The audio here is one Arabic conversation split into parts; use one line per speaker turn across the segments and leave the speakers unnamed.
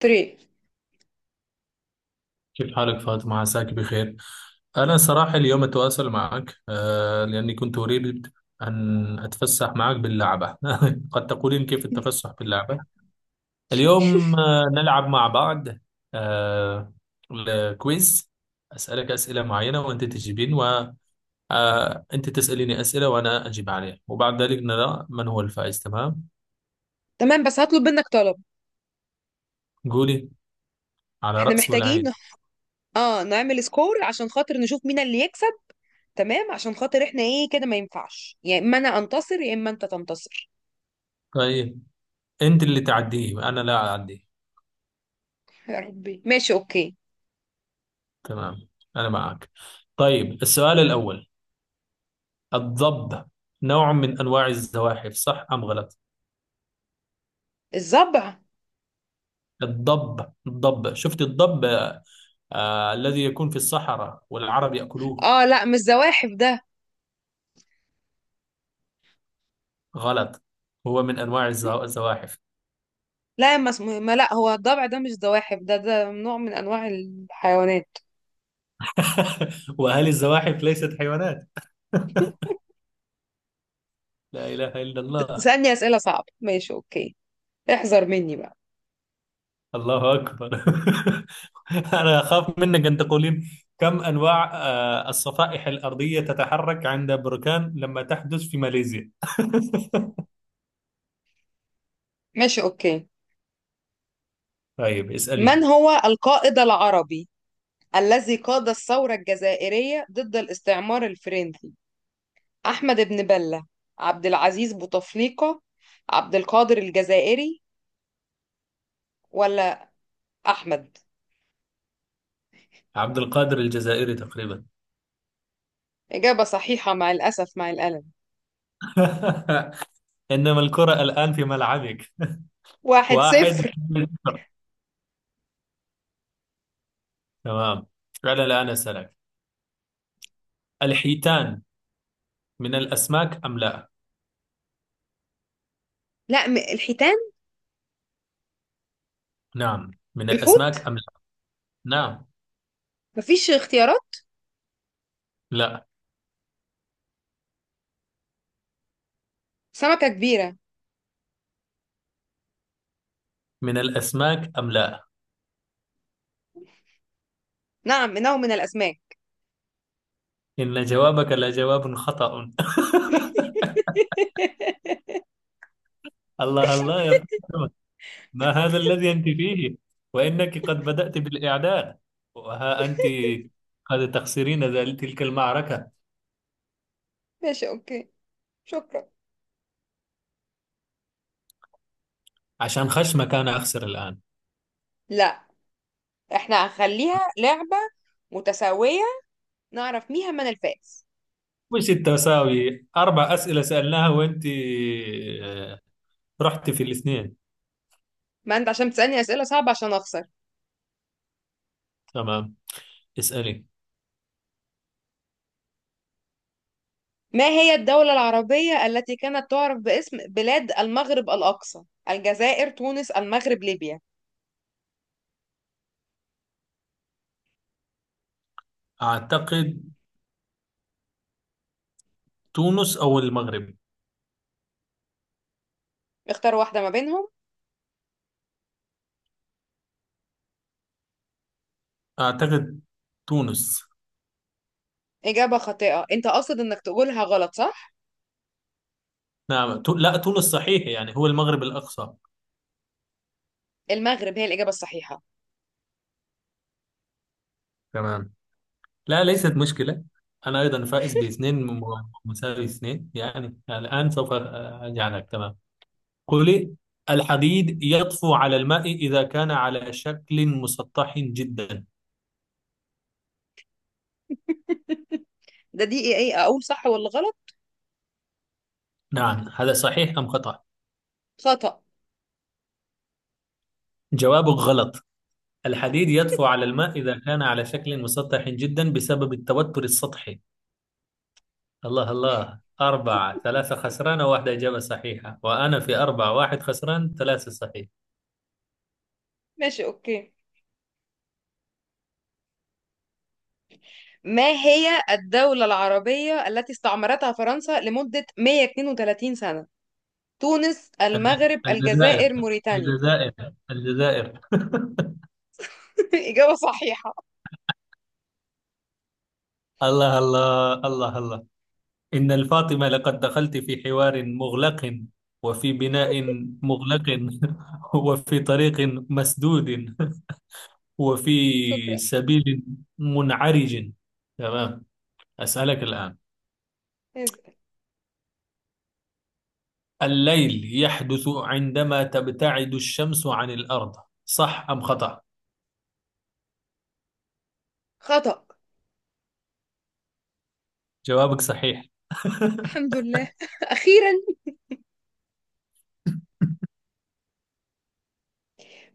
طريق.
كيف حالك فاطمة؟ عساك بخير. أنا صراحة اليوم أتواصل معك لأني كنت أريد أن أتفسح معك باللعبة. قد تقولين كيف التفسح باللعبة. اليوم نلعب مع بعض. آه، الكويز. أسألك أسئلة معينة وأنت تجيبين، وأنت تسأليني أسئلة وأنا أجيب عليها، وبعد ذلك نرى من هو الفائز. تمام؟
تمام، بس هطلب منك طلب.
قولي. على
احنا
رأس
محتاجين
والعين.
اه نعمل سكور عشان خاطر نشوف مين اللي يكسب. تمام، عشان خاطر احنا ايه كده ما ينفعش، يا اما انا انتصر يا اما انت تنتصر.
طيب، أنت اللي تعديه، أنا لا أعديه.
يا ربي، ماشي اوكي.
تمام، أنا معك. طيب، السؤال الأول: الضب نوع من أنواع الزواحف، صح أم غلط؟
الضبع؟
الضب، الضب، شفت الضب؟ الذي يكون في الصحراء والعرب يأكلوه.
اه لا، مش زواحف ده.
غلط؟ هو من أنواع الزواحف.
لا، ما اسمه، ما لا، هو الضبع ده، مش زواحف ده نوع من انواع الحيوانات.
وهل الزواحف ليست حيوانات؟ لا إله إلا الله.
تسألني اسئلة صعبة؟ ماشي اوكي، احذر مني بقى.
الله أكبر. أنا أخاف منك أن تقولين: كم أنواع الصفائح الأرضية تتحرك عند بركان لما تحدث في ماليزيا؟
ماشي اوكي.
طيب، اسألي.
من هو القائد العربي الذي قاد الثورة الجزائرية ضد الاستعمار الفرنسي؟ أحمد بن بلة، عبد العزيز بوتفليقة، عبد القادر الجزائري، ولا أحمد؟
عبد القادر الجزائري تقريبا.
إجابة صحيحة، مع الأسف مع الألم.
إنما الكرة الآن في ملعبك.
واحد
واحد
صفر.
صفر. تمام، أنا الآن أسألك: الحيتان من الأسماك أم لا؟
لا م- الحيتان؟
نعم، من
الحوت؟
الأسماك أم لا؟ نعم.
مفيش اختيارات؟
لا،
سمكة كبيرة.
من الأسماك أم لا؟
نعم، إنه من الأسماك.
إن جوابك لجواب خطأ. الله الله يا فاطمة، ما هذا الذي أنت فيه؟ وإنك قد بدأت بالإعداد، وها أنت قد تخسرين تلك المعركة.
ماشي أوكي، شكرا.
عشان خشمك أنا أخسر الآن؟
لا، إحنا هنخليها لعبة متساوية، نعرف مين من الفائز.
مش التساوي، أربع أسئلة سألناها وأنت آه، رحت في الاثنين.
ما أنت عشان تسألني أسئلة صعبة عشان أخسر.
تمام، اسألي.
ما هي الدولة العربية التي كانت تعرف باسم بلاد المغرب الأقصى؟ الجزائر، تونس، المغرب، ليبيا.
أعتقد تونس أو المغرب.
اختار واحدة ما بينهم.
أعتقد تونس.
إجابة خاطئة، أنت قاصد إنك تقولها غلط صح؟
نعم، لا، تونس صحيح يعني هو المغرب الأقصى.
المغرب هي الإجابة الصحيحة.
تمام، لا ليست مشكلة. أنا أيضا فائز باثنين، مساوي اثنين يعني الآن، سوف أجعلك. تمام، قولي. الحديد يطفو على الماء إذا كان على شكل مسطح جدا.
ده دي إيه أقول صح ولا غلط؟
نعم هذا، صحيح أم خطأ؟
خطأ.
جوابك غلط. الحديد يطفو على الماء إذا كان على شكل مسطح جدا بسبب التوتر السطحي. الله الله، أربعة ثلاثة، خسرانة واحدة إجابة صحيحة، وأنا في أربعة واحد، خسران ثلاثة صحيح.
ماشي أوكي. ما هي الدولة العربية التي استعمرتها فرنسا لمدة 132 سنة؟ تونس، المغرب،
الجزائر،
الجزائر، موريتانيا.
الجزائر، الجزائر.
إجابة صحيحة.
الله الله الله الله، إن الفاطمة لقد دخلت في حوار مغلق، وفي بناء مغلق، وفي طريق مسدود، وفي
شكرا.
سبيل منعرج. تمام، أسألك الآن:
اسأل.
الليل يحدث عندما تبتعد الشمس عن الأرض، صح أم خطأ؟
خطأ.
جوابك صحيح.
الحمد لله. أخيرا.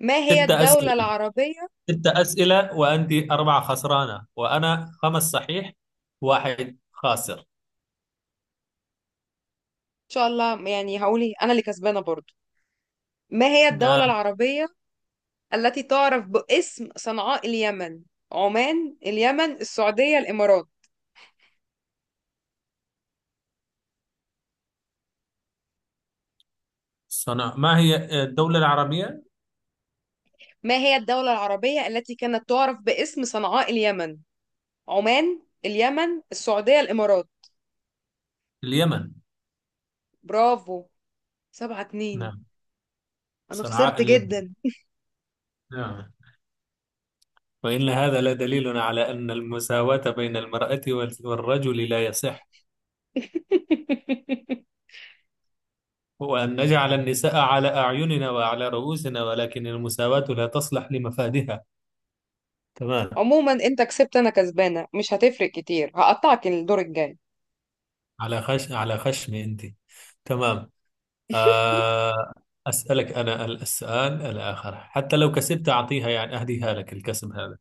ما هي
ست
الدولة
أسئلة،
العربية، إن
ست أسئلة، وأنت أربعة خسرانة وأنا خمس صحيح، واحد خاسر.
شاء الله يعني هقولي أنا اللي كسبانة برضو. ما هي
نعم.
الدولة العربية التي تعرف باسم صنعاء اليمن؟ عمان، اليمن، السعودية، الإمارات.
ما هي الدولة العربية؟
ما هي الدولة العربية التي كانت تعرف باسم صنعاء اليمن؟ عمان، اليمن، السعودية، الإمارات.
اليمن.
برافو. سبعة اتنين،
نعم.
أنا
صنعاء
خسرت
اليمن.
جدا.
نعم. وإن هذا لدليل على أن المساواة بين المرأة والرجل لا يصح، وأن نجعل النساء على أعيننا وعلى رؤوسنا، ولكن المساواة لا تصلح لمفادها. تمام.
عموما أنت كسبت، أنا كسبانة، مش هتفرق كتير، هقطعك الدور الجاي.
على خشم أنت. تمام. آه أسألك أنا السؤال الآخر، حتى لو كسبت أعطيها يعني أهديها لك، الكسب هذا.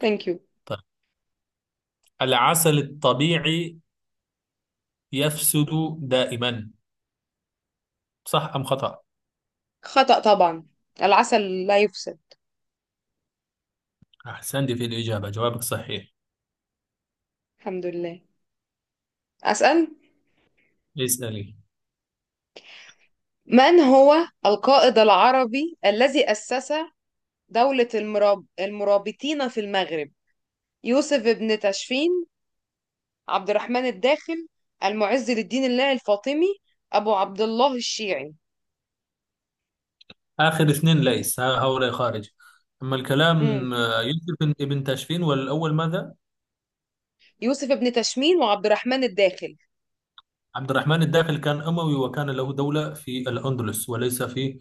ثانك يو.
طيب، العسل الطبيعي يفسد دائما، صح أم خطأ؟
خطأ طبعا، العسل لا يفسد.
أحسنت في الإجابة، جوابك صحيح.
الحمد لله. أسأل.
اسألي.
من هو القائد العربي الذي أسس دولة المرابطين في المغرب؟ يوسف بن تاشفين، عبد الرحمن الداخل، المعز للدين الله الفاطمي، أبو عبد الله الشيعي.
آخر اثنين ليس هؤلاء خارج. أما
مم.
الكلام يوسف ابن تاشفين والأول ماذا؟
يوسف بن تاشفين وعبد الرحمن الداخل.
عبد الرحمن الداخل كان أموي وكان له دولة في الأندلس، وليس في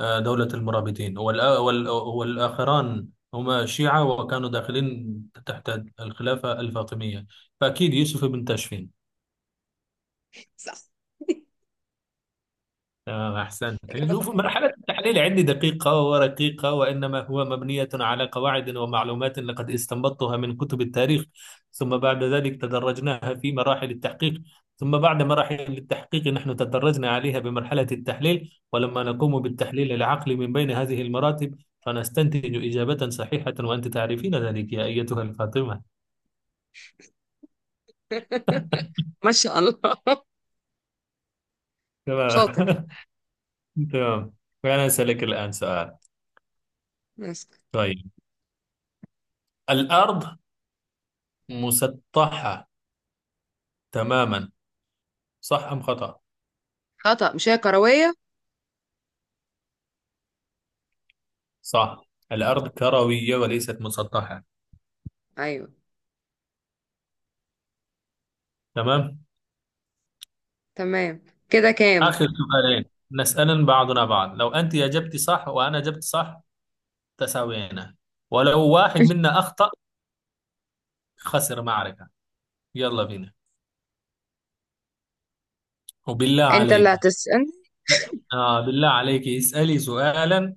دولة المرابطين. والآخران هما شيعة وكانوا داخلين تحت الخلافة الفاطمية، فأكيد يوسف بن تاشفين.
صح.
أحسنت.
إجابة
شوف،
صحيحة.
مرحلة التحليل عندي دقيقة ورقيقة، وإنما هو مبنية على قواعد ومعلومات لقد استنبطتها من كتب التاريخ، ثم بعد ذلك تدرجناها في مراحل التحقيق، ثم بعد مراحل التحقيق نحن تدرجنا عليها بمرحلة التحليل، ولما نقوم بالتحليل العقلي من بين هذه المراتب فنستنتج إجابة صحيحة، وأنت تعرفين ذلك يا أيتها الفاطمة.
ما شاء الله، شاطر.
تمام. تمام. فأنا أسألك الآن سؤال.
بس.
طيب، الأرض مسطحة تماما، صح أم خطأ؟
خطأ، مش هي كروية.
صح، الأرض كروية وليست مسطحة.
أيوه.
تمام.
تمام. كده كام؟
آخر سؤالين نسأل بعضنا بعض، لو أنت أجبت صح وأنا أجبت صح تساوينا، ولو واحد منا أخطأ خسر معركة. يلا بينا، وبالله
انت
عليك.
اللي هتسأل.
لا. بالله عليك اسألي سؤالا.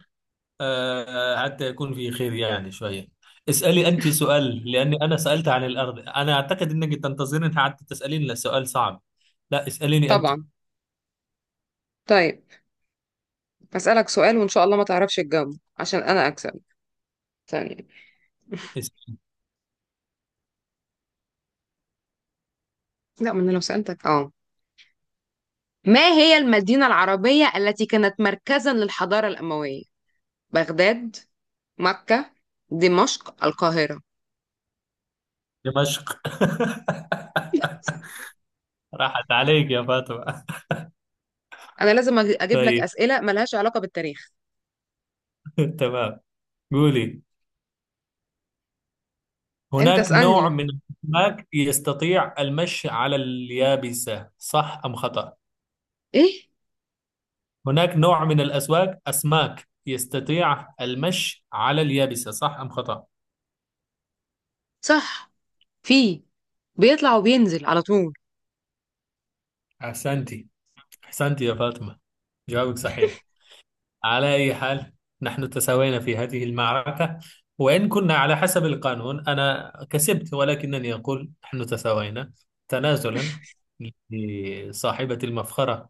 آه حتى يكون في خير يعني شوية. اسألي أنت سؤال، لأني أنا سألت عن الأرض، أنا أعتقد أنك تنتظرين حتى تسألين سؤال صعب. لا، اسأليني
طبعا. طيب، هسألك سؤال وإن شاء الله ما تعرفش تجاوبه عشان أنا أكسب ثانية.
أنت.
لا، ما أنا لو سألتك ما هي المدينة العربية التي كانت مركزا للحضارة الأموية؟ بغداد، مكة، دمشق، القاهرة.
دمشق. راحت عليك يا فاطمة.
أنا لازم أجيب لك
طيب.
أسئلة ملهاش علاقة بالتاريخ.
تمام، قولي.
أنت
هناك نوع
اسألني.
من الأسماك يستطيع المشي على اليابسة، صح أم خطأ؟
إيه؟
هناك نوع من أسماك يستطيع المشي على اليابسة، صح أم خطأ؟
صح، في، بيطلع وبينزل على طول.
أحسنتي أحسنتي يا فاطمة، جوابك صحيح. على أي حال، نحن تساوينا في هذه المعركة، وإن كنا على حسب القانون أنا كسبت، ولكنني أقول نحن تساوينا تنازلا لصاحبة المفخرة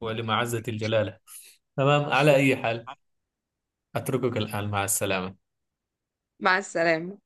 ولمعزة الجلالة. تمام، على أي حال، أتركك الآن مع السلامة.
مع السلامة.